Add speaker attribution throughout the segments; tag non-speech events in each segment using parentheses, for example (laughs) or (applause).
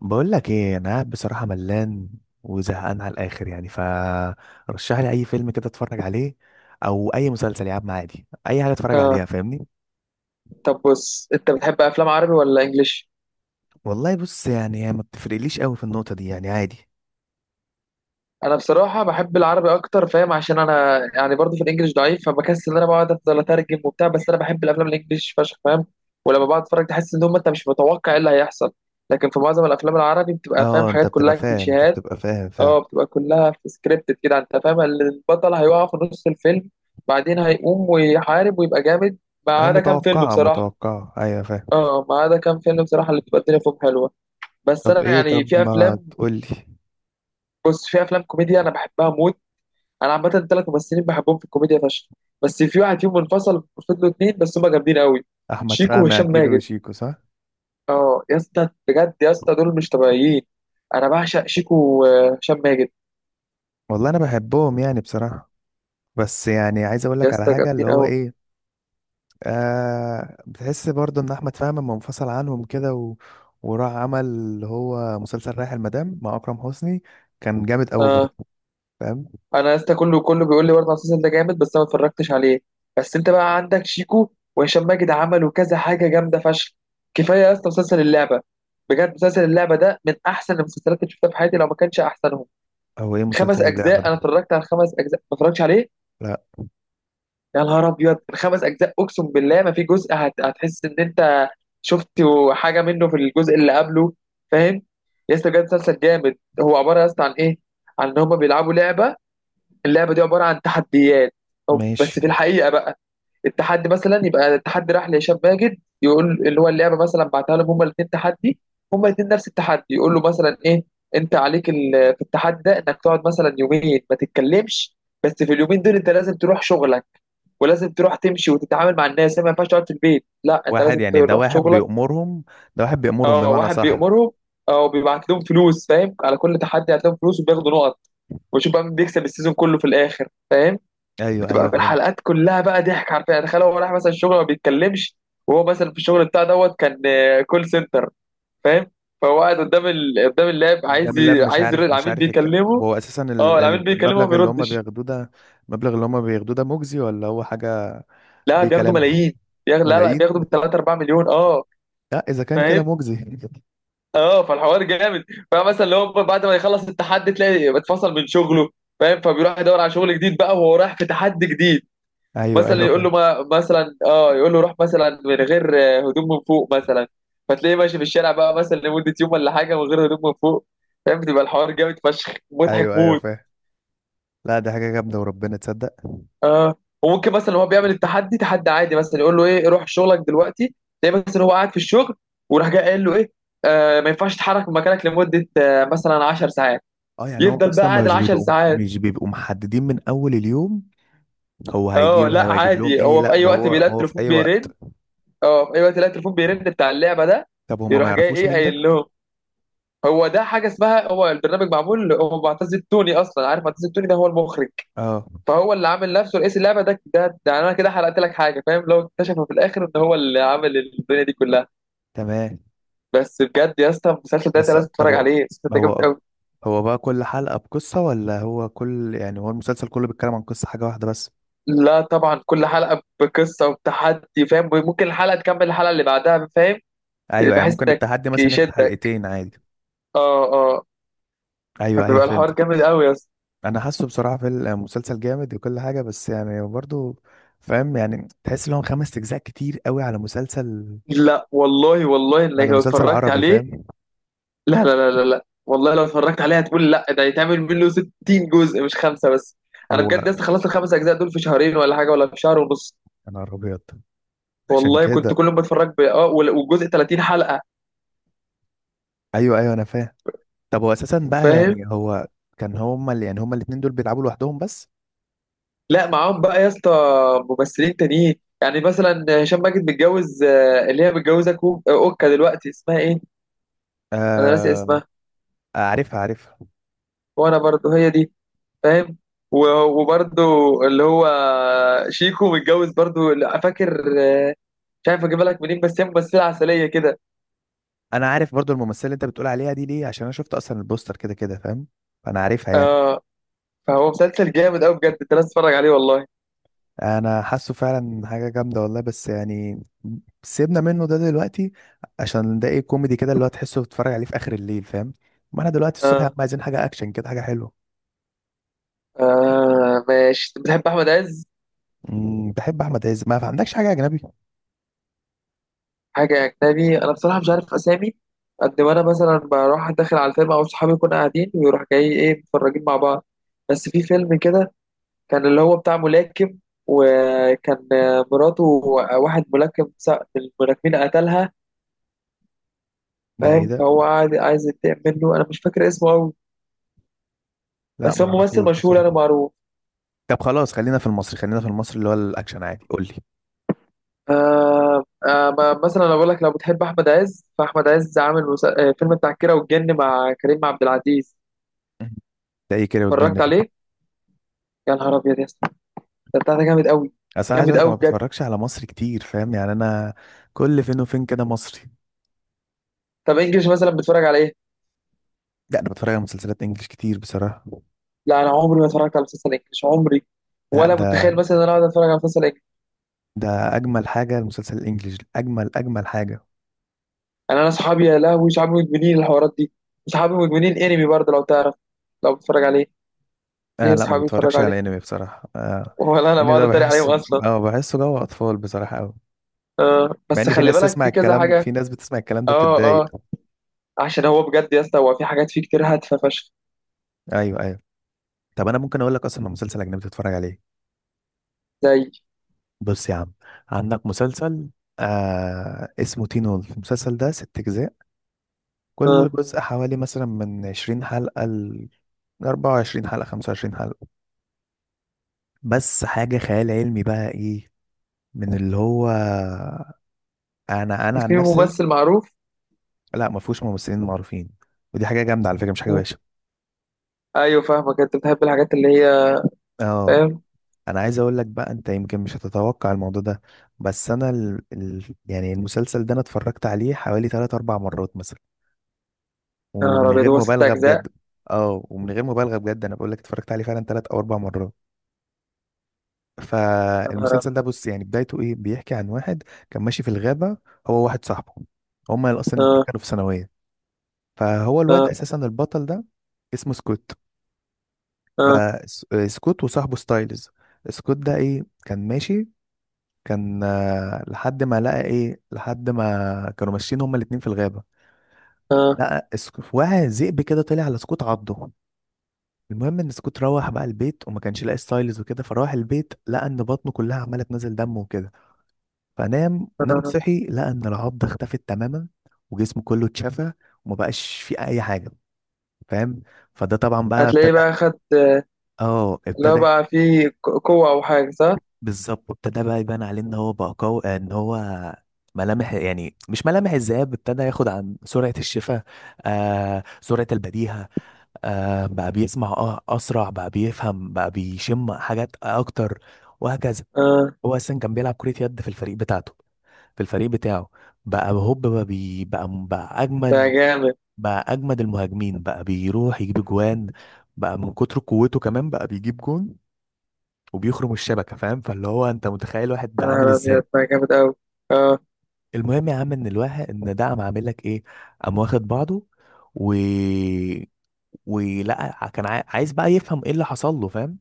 Speaker 1: بقول لك ايه، انا قاعد بصراحه ملان وزهقان على الاخر. يعني فرشح لي اي فيلم كده اتفرج عليه، او اي مسلسل يا عم، عادي اي حاجه اتفرج عليها،
Speaker 2: آه.
Speaker 1: فاهمني؟
Speaker 2: طب بص، انت بتحب افلام عربي ولا انجليش؟
Speaker 1: والله بص، يعني هي ما بتفرقليش قوي في النقطة دي، يعني عادي.
Speaker 2: انا بصراحه بحب العربي اكتر، فاهم؟ عشان انا يعني برضو في الانجليش ضعيف، فبكسل ان انا بقعد افضل اترجم وبتاع. بس انا بحب الافلام الانجليش فشخ، فاهم؟ ولما بقعد اتفرج تحس ان هم انت مش متوقع ايه اللي هيحصل. لكن في معظم الافلام العربي بتبقى فاهم
Speaker 1: اه، انت
Speaker 2: حاجات
Speaker 1: بتبقى
Speaker 2: كلها
Speaker 1: فاهم انت
Speaker 2: كليشيهات.
Speaker 1: بتبقى فاهم فعلا.
Speaker 2: اه، بتبقى كلها في سكريبتد كده. انت فاهم البطل هيقع في نص الفيلم بعدين هيقوم ويحارب ويبقى جامد، ما عدا كام فيلم
Speaker 1: متوقعه
Speaker 2: بصراحه.
Speaker 1: متوقعه، ايوه فاهم.
Speaker 2: اه ما عدا كام فيلم بصراحه اللي بتبقى الدنيا فيهم حلوه. بس انا يعني
Speaker 1: طب
Speaker 2: في
Speaker 1: ما
Speaker 2: افلام،
Speaker 1: تقول لي.
Speaker 2: بص، في افلام كوميديا انا بحبها موت. انا عامه ثلاث ممثلين بحبهم في الكوميديا فشخ، بس في واحد فيهم منفصل، فضلوا اتنين بس هما جامدين قوي.
Speaker 1: احمد
Speaker 2: شيكو
Speaker 1: فهمي
Speaker 2: وهشام
Speaker 1: اكيد
Speaker 2: ماجد،
Speaker 1: وشيكو، صح؟
Speaker 2: اه يا اسطى، بجد يا اسطى دول مش طبيعيين. انا بعشق شيكو وهشام ماجد.
Speaker 1: والله انا بحبهم يعني بصراحه. بس يعني عايز اقول
Speaker 2: يا
Speaker 1: لك على
Speaker 2: اسطى
Speaker 1: حاجه
Speaker 2: جامدين
Speaker 1: اللي هو
Speaker 2: قوي.
Speaker 1: ايه. آه، بتحس برضه ان احمد فهمي لما منفصل عنهم كده وراح عمل اللي هو مسلسل رايح المدام مع اكرم حسني، كان جامد قوي برضه،
Speaker 2: اه،
Speaker 1: فاهم؟
Speaker 2: انا يا اسطى كله كله بيقول لي برضه على المسلسل ده جامد، بس انا ما اتفرجتش عليه. بس انت بقى عندك شيكو وهشام ماجد عملوا كذا حاجه جامده فشخ. كفايه يا اسطى مسلسل اللعبه. بجد مسلسل اللعبه ده من احسن المسلسلات اللي شفتها في حياتي، لو ما كانش احسنهم.
Speaker 1: هو ايه
Speaker 2: خمس
Speaker 1: مسلسل اللعبه
Speaker 2: اجزاء،
Speaker 1: ده؟
Speaker 2: انا اتفرجت على خمس اجزاء، ما اتفرجتش عليه؟
Speaker 1: لا.
Speaker 2: يا نهار ابيض! الخمس اجزاء اقسم بالله ما في جزء هتحس ان انت شفت حاجه منه في الجزء اللي قبله، فاهم؟ يا اسطى بجد مسلسل جامد. هو عباره يا اسطى عن ايه؟ عن ان هم بيلعبوا لعبه. اللعبه دي عباره عن تحديات.
Speaker 1: ماشي.
Speaker 2: بس في الحقيقه بقى، التحدي مثلا يبقى التحدي راح لهشام ماجد، يقول اللي هو اللعبه مثلا بعتها لهم هما الاثنين تحدي. هما الاثنين نفس التحدي. يقول له مثلا ايه؟ انت عليك في التحدي ده انك تقعد مثلا يومين ما تتكلمش، بس في اليومين دول انت لازم تروح شغلك، ولازم تروح تمشي وتتعامل مع الناس، ما ينفعش تقعد في البيت، لا انت لازم
Speaker 1: واحد يعني، ده
Speaker 2: تروح
Speaker 1: واحد
Speaker 2: شغلك.
Speaker 1: بيأمرهم، ده واحد بيأمرهم
Speaker 2: اه
Speaker 1: بمعنى،
Speaker 2: واحد
Speaker 1: صح؟
Speaker 2: بيأمرهم او بيبعت لهم فلوس، فاهم؟ على كل تحدي هتلاقيهم فلوس وبياخدوا نقط، وشوف بقى مين بيكسب السيزون كله في الاخر، فاهم؟
Speaker 1: ايوه
Speaker 2: بتبقى
Speaker 1: ايوه
Speaker 2: في
Speaker 1: فهمت.
Speaker 2: الحلقات كلها بقى ضحك حرفيا، يعني تخيل هو راح مثلا الشغل ما بيتكلمش، وهو مثلا في الشغل بتاع دوت كان كول سنتر، فاهم؟ فهو قاعد قدام قدام اللاب
Speaker 1: ده
Speaker 2: عايز
Speaker 1: من لاب، مش
Speaker 2: عايز يرد،
Speaker 1: عارف مش
Speaker 2: العميل
Speaker 1: عارف طب
Speaker 2: بيكلمه.
Speaker 1: هو اساسا
Speaker 2: اه العميل بيكلمه ما
Speaker 1: المبلغ اللي هم
Speaker 2: بيردش.
Speaker 1: بياخدوه ده، المبلغ اللي هم بياخدوه ده مجزي ولا هو حاجه؟
Speaker 2: لا
Speaker 1: اي
Speaker 2: بياخدوا
Speaker 1: كلام؟
Speaker 2: ملايين. لا لا بياخدوا ب
Speaker 1: ملايين.
Speaker 2: 3 4 مليون. اه
Speaker 1: لا اذا كان كده
Speaker 2: فاهم.
Speaker 1: مجزي (laughs)
Speaker 2: اه فالحوار جامد. فمثلا اللي هو بعد ما يخلص التحدي تلاقي اتفصل من شغله، فاهم؟ فبيروح يدور على شغل جديد بقى وهو رايح في تحدي جديد.
Speaker 1: ايوه ايوه
Speaker 2: مثلا يقول
Speaker 1: فاهم.
Speaker 2: له، ما مثلا اه يقول له روح مثلا من غير هدوم من فوق مثلا. فتلاقيه ماشي في الشارع بقى مثلا لمدة يوم ولا حاجة من غير هدوم من فوق، فاهم؟ بتبقى الحوار جامد فشخ، مضحك
Speaker 1: ايوه ايوه
Speaker 2: موت.
Speaker 1: فاهم. لا دي حاجة جامدة وربنا تصدق.
Speaker 2: اه. وممكن مثلا هو بيعمل التحدي تحدي عادي، مثلا يقول له ايه؟ روح شغلك دلوقتي. تلاقيه مثلا هو قاعد في الشغل، وراح جاي قايل له ايه؟ آه ما ينفعش تتحرك من مكانك لمدة مثلا 10 ساعات.
Speaker 1: اه يعني هو
Speaker 2: يفضل بقى
Speaker 1: اصلا
Speaker 2: قاعد ال
Speaker 1: مش
Speaker 2: 10
Speaker 1: بيبقوا
Speaker 2: ساعات.
Speaker 1: مش بيبقوا محددين من اول اليوم. هو
Speaker 2: اه
Speaker 1: هيجيب
Speaker 2: لا
Speaker 1: هيجيب لهم
Speaker 2: عادي،
Speaker 1: ايه؟
Speaker 2: هو في
Speaker 1: لا
Speaker 2: اي
Speaker 1: ده
Speaker 2: وقت
Speaker 1: هو
Speaker 2: بيلاقي
Speaker 1: هو في
Speaker 2: التليفون
Speaker 1: اي
Speaker 2: بيرن.
Speaker 1: وقت.
Speaker 2: اه في اي وقت يلاقي التليفون بيرن بتاع اللعبة ده.
Speaker 1: طب هما ما
Speaker 2: يروح جاي
Speaker 1: يعرفوش
Speaker 2: ايه
Speaker 1: مين ده؟
Speaker 2: قايل لهم؟ هو ده حاجه اسمها، هو البرنامج معمول، هو معتز التوني اصلا، عارف معتز التوني ده؟ هو المخرج.
Speaker 1: اه.
Speaker 2: فهو اللي عامل نفسه رئيس اللعبه. ده انا كده حرقت لك حاجه، فاهم؟ لو اكتشفوا في الاخر ان هو اللي عامل الدنيا دي كلها.
Speaker 1: تمام.
Speaker 2: بس بجد يا اسطى المسلسل ده انت
Speaker 1: بس
Speaker 2: لازم تتفرج
Speaker 1: طب
Speaker 2: عليه، المسلسل ده جامد
Speaker 1: هو
Speaker 2: قوي.
Speaker 1: هو بقى كل حلقة بقصة ولا هو كل يعني، هو المسلسل كله بيتكلم عن قصة حاجة واحدة بس؟
Speaker 2: لا طبعا كل حلقه بقصه وبتحدي، فاهم؟ ممكن الحلقه تكمل الحلقه اللي بعدها، فاهم؟
Speaker 1: ايوه، يعني
Speaker 2: بحيث
Speaker 1: ممكن
Speaker 2: انك
Speaker 1: التحدي مثلا ياخد
Speaker 2: يشدك.
Speaker 1: حلقتين عادي.
Speaker 2: اه اه.
Speaker 1: ايوه ايوه
Speaker 2: بيبقى الحوار
Speaker 1: فهمت.
Speaker 2: جامد قوي يا اسطى.
Speaker 1: انا حاسه بصراحة في المسلسل جامد وكل حاجة، بس يعني برضو فاهم، يعني تحس ان هو 5 اجزاء كتير قوي على مسلسل.
Speaker 2: لا والله، والله
Speaker 1: لا
Speaker 2: انك
Speaker 1: ده
Speaker 2: لو
Speaker 1: مسلسل
Speaker 2: اتفرجت
Speaker 1: عربي
Speaker 2: عليه.
Speaker 1: فاهم.
Speaker 2: لا لا لا لا لا والله، لو اتفرجت عليها هتقول لا ده يتعمل منه 60 جزء مش خمسة بس. انا
Speaker 1: هو
Speaker 2: بجد لسه خلصت الخمس اجزاء دول في شهرين ولا حاجة ولا في شهر ونص.
Speaker 1: انا ابيض. عشان
Speaker 2: والله كنت كل
Speaker 1: كده
Speaker 2: ما اتفرج والجزء 30 حلقة،
Speaker 1: ايوه ايوه انا فاهم. طب هو اساسا بقى
Speaker 2: فاهم.
Speaker 1: يعني هو كان هما اللي يعني هما الاتنين دول بيلعبوا لوحدهم بس؟
Speaker 2: لا معاهم بقى يا اسطى ممثلين تانيين. يعني مثلا هشام ماجد متجوز اللي هي متجوزة كو... آه، اوكا دلوقتي، اسمها ايه؟ انا ناسي
Speaker 1: آه.
Speaker 2: اسمها.
Speaker 1: عارفها عارفها.
Speaker 2: وانا برضو هي دي، فاهم. و- وبرضه اللي هو شيكو متجوز برضه. لا، فاكر مش عارف اجيبها لك منين، بس هي ممثله عسليه كده.
Speaker 1: انا عارف برضو الممثله اللي انت بتقول عليها دي، ليه؟ عشان انا شفت اصلا البوستر كده كده فاهم. فانا عارفها يعني.
Speaker 2: اه. فهو مسلسل جامد قوي بجد، انت لازم تتفرج عليه والله.
Speaker 1: انا حاسه فعلا حاجه جامده والله، بس يعني سيبنا منه ده دلوقتي. عشان ده ايه، كوميدي كده، اللي هو تحسه بتتفرج عليه في اخر الليل فاهم. ما انا دلوقتي الصبح يا عم،
Speaker 2: اه.
Speaker 1: عايزين حاجه اكشن كده، حاجه حلوه.
Speaker 2: آه ماشي، أنت بتحب احمد عز؟
Speaker 1: بحب احمد عز، ما عندكش حاجه اجنبي؟
Speaker 2: حاجه اجنبي؟ انا بصراحه مش عارف اسامي، قد ما انا مثلا بروح داخل على الفيلم او صحابي يكونوا قاعدين ويروح جاي ايه متفرجين مع بعض. بس في فيلم كده، كان اللي هو بتاع ملاكم، وكان مراته واحد ملاكم من الملاكمين قتلها،
Speaker 1: ده ايه
Speaker 2: فاهم؟
Speaker 1: ده؟
Speaker 2: فهو قاعد عايز ينتقم منه. انا مش فاكر اسمه قوي،
Speaker 1: لا
Speaker 2: بس هو
Speaker 1: ما
Speaker 2: ممثل
Speaker 1: اعرفوش
Speaker 2: مشهور
Speaker 1: بصراحه.
Speaker 2: انا معروف.
Speaker 1: طب خلاص، خلينا في المصري، خلينا في المصري اللي هو الاكشن عادي، قول لي.
Speaker 2: آه. آه مثلا انا بقول لك لو بتحب احمد عز، فاحمد عز عامل فيلم بتاع الكيرة والجن مع كريم عبد العزيز،
Speaker 1: ده ايه كده،
Speaker 2: اتفرجت
Speaker 1: والجن ده؟
Speaker 2: عليه؟ يا نهار ابيض يا اسطى، ده بتاع ده جامد قوي.
Speaker 1: اصل انا عايز
Speaker 2: جامد
Speaker 1: اقول لك
Speaker 2: قوي
Speaker 1: انا ما
Speaker 2: بجد.
Speaker 1: بتفرجش على مصري كتير فاهم، يعني انا كل فين وفين كده مصري.
Speaker 2: طب انجلش مثلا بتتفرج على ايه؟
Speaker 1: لا انا بتفرج على مسلسلات انجليش كتير بصراحه.
Speaker 2: لا انا عمري ما اتفرجت على مسلسل انجلش عمري،
Speaker 1: لا
Speaker 2: ولا متخيل مثلا ان انا اقعد اتفرج على مسلسل.
Speaker 1: ده اجمل حاجه، المسلسل الانجليش اجمل اجمل حاجه.
Speaker 2: انا صحابي يا لهوي، صحابي مدمنين الحوارات دي. صحابي مدمنين انمي برضه، لو تعرف، لو بتتفرج عليه.
Speaker 1: آه
Speaker 2: ليه
Speaker 1: لا ما
Speaker 2: صحابي بيتفرجوا
Speaker 1: بتفرجش
Speaker 2: عليه،
Speaker 1: على انمي بصراحه، آه.
Speaker 2: ولا انا
Speaker 1: انمي
Speaker 2: بقعد
Speaker 1: ده
Speaker 2: اتريق عليهم
Speaker 1: بحسه
Speaker 2: اصلا.
Speaker 1: اه بحسه جو اطفال بصراحه قوي.
Speaker 2: آه
Speaker 1: مع
Speaker 2: بس
Speaker 1: ان في
Speaker 2: خلي
Speaker 1: ناس
Speaker 2: بالك
Speaker 1: تسمع
Speaker 2: في كذا
Speaker 1: الكلام، في
Speaker 2: حاجه.
Speaker 1: ناس بتسمع الكلام ده
Speaker 2: اه
Speaker 1: بتتضايق.
Speaker 2: اه. عشان هو بجد يا اسطى هو في حاجات فيه كتير هادفه فشخ.
Speaker 1: ايوه ايوه. طب انا ممكن اقول لك اصلا مسلسل اجنبي تتفرج عليه.
Speaker 2: زي.
Speaker 1: بص يا عم، عندك مسلسل آه اسمه تين وولف. المسلسل ده 6 أجزاء، كل
Speaker 2: اه.
Speaker 1: جزء حوالي مثلا من 20 حلقة لأربعة وعشرين حلقة، 25 حلقة. بس حاجة خيال علمي بقى إيه، من اللي هو، أنا عن
Speaker 2: في
Speaker 1: نفسي.
Speaker 2: ممثل معروف؟
Speaker 1: لا ما فيهوش ممثلين معروفين. ودي حاجة جامدة على فكرة، مش حاجة
Speaker 2: آه.
Speaker 1: وحشة.
Speaker 2: ايوه فاهمك، انت بتحب الحاجات اللي هي.
Speaker 1: اه.
Speaker 2: فاهم.
Speaker 1: أنا عايز أقول لك بقى أنت يمكن مش هتتوقع الموضوع ده، بس أنا يعني المسلسل ده أنا اتفرجت عليه حوالي تلات أربع مرات مثلا،
Speaker 2: يا نهار
Speaker 1: ومن
Speaker 2: ابيض
Speaker 1: غير
Speaker 2: هو ست
Speaker 1: مبالغه
Speaker 2: اجزاء!
Speaker 1: بجد. اه، ومن غير مبالغه بجد انا بقول لك اتفرجت عليه فعلا 3 او 4 مرات.
Speaker 2: يا نهار
Speaker 1: فالمسلسل
Speaker 2: أبيض.
Speaker 1: ده بص، يعني بدايته ايه، بيحكي عن واحد كان ماشي في الغابه، هو واحد صاحبه، هما اصلا الاتنين
Speaker 2: اه
Speaker 1: كانوا في ثانويه. فهو الواد
Speaker 2: اه
Speaker 1: اساسا البطل ده اسمه سكوت.
Speaker 2: اه
Speaker 1: فسكوت وصاحبه ستايلز، سكوت ده ايه كان ماشي، كان لحد ما لقى ايه، لحد ما كانوا ماشيين هما الاتنين في الغابه،
Speaker 2: اه.
Speaker 1: واحد ذئب كده طلع على سكوت عضه. المهم ان سكوت روح بقى البيت وما كانش لاقي ستايلز وكده، فراح البيت لقى ان بطنه كلها عماله تنزل دم وكده. فنام نام
Speaker 2: آه.
Speaker 1: صحي لقى ان العضه اختفت تماما، وجسمه كله اتشفى، وما بقاش فيه اي حاجه فاهم. فده طبعا بقى ابتدى.
Speaker 2: هتلاقيه بقى خد.
Speaker 1: اه
Speaker 2: اللي هو
Speaker 1: ابتدى.
Speaker 2: بقى فيه قوه او حاجه صح؟
Speaker 1: بالظبط، ابتدى بقى يبان عليه ان هو بقى قوي، ان هو ملامح يعني مش ملامح الذئاب، ابتدى ياخد عن سرعة الشفاء، آه سرعة البديهة، آه بقى بيسمع اه اسرع، بقى بيفهم، بقى بيشم حاجات اكتر، وهكذا.
Speaker 2: اه
Speaker 1: هو اساسا كان بيلعب كرة يد في الفريق بتاعته، في الفريق بتاعه، بقى هوب بقى بي بقى
Speaker 2: ده
Speaker 1: اجمد.
Speaker 2: جامد.
Speaker 1: بقى اجمد المهاجمين، بقى بيروح يجيب جوان، بقى من كتر قوته كمان بقى بيجيب جون وبيخرم الشبكة فاهم. فاللي هو انت متخيل واحد
Speaker 2: يا
Speaker 1: ده عامل
Speaker 2: نهار أبيض
Speaker 1: ازاي.
Speaker 2: ده جامد أوي. أه
Speaker 1: المهم يا عم ان الواحد ان ده قام عامل لك ايه، قام واخد بعضه، و ولقى كان عايز بقى يفهم ايه اللي حصل له فاهم.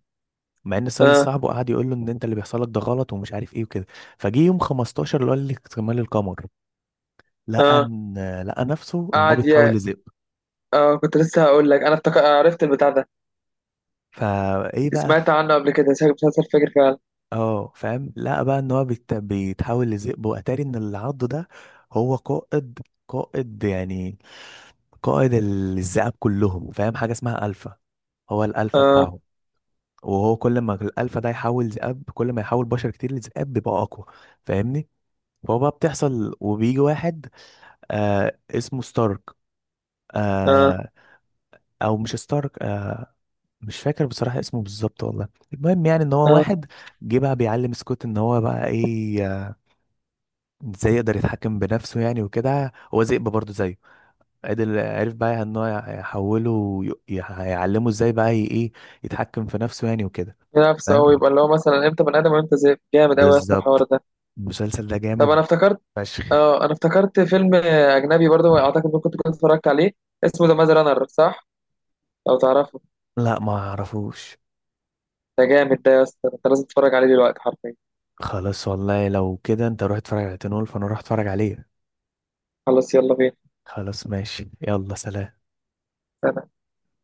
Speaker 1: مع ان سالي
Speaker 2: أه
Speaker 1: صاحبه قعد يقول له ان انت اللي بيحصل لك ده غلط ومش عارف ايه وكده. فجه يوم 15 اللي هو اللي اكتمال القمر، لقى
Speaker 2: أه.
Speaker 1: ان، لقى نفسه ان هو
Speaker 2: قعد
Speaker 1: بيتحول
Speaker 2: يا.
Speaker 1: لذئب.
Speaker 2: أه كنت لسه هقول لك، أنا افتكر عرفت البتاع ده.
Speaker 1: فايه بقى
Speaker 2: سمعت عنه قبل كده، شكل مسلسل فجر فعلا.
Speaker 1: اه فاهم. لقى بقى ان هو بيتحول لذئب. واتاري ان اللي عضه ده هو قائد، قائد يعني، قائد الذئاب كلهم فاهم، حاجه اسمها الفا. هو الالفا
Speaker 2: أه
Speaker 1: بتاعهم. وهو كل ما الالفا ده يحول ذئاب، كل ما يحول بشر كتير لذئاب بيبقى اقوى، فاهمني؟ فهو بقى بتحصل، وبيجي واحد آه اسمه ستارك،
Speaker 2: أه
Speaker 1: آه او مش ستارك مش فاكر بصراحة اسمه بالظبط والله. المهم يعني ان هو
Speaker 2: أه.
Speaker 1: واحد جه بقى بيعلم سكوت ان هو بقى ايه ازاي يقدر يتحكم بنفسه يعني وكده. هو ذئب برضه زيه، عدل. عرف بقى ان هو يحوله يعلمه ازاي بقى ايه، يتحكم في نفسه يعني وكده.
Speaker 2: نفسه أوي
Speaker 1: فاهم.
Speaker 2: يبقى اللي هو مثلا إمتى بني آدم وإمتى ذئب. جامد أوي يا اسطى الحوار
Speaker 1: بالظبط.
Speaker 2: ده.
Speaker 1: المسلسل ده
Speaker 2: طب
Speaker 1: جامد
Speaker 2: أنا افتكرت.
Speaker 1: فشخ.
Speaker 2: أه أنا افتكرت فيلم أجنبي برضه، أعتقد إنك كنت اتفرجت عليه، اسمه ذا ماز رانر، صح؟ لو تعرفه.
Speaker 1: لا ما اعرفوش.
Speaker 2: ده جامد ده يا اسطى، أنت لازم تتفرج عليه دلوقتي حرفيا.
Speaker 1: خلاص والله لو كده انت روح اتفرج على تنول فانا روح اتفرج عليه.
Speaker 2: خلاص يلا بينا.
Speaker 1: خلاص ماشي يلا سلام.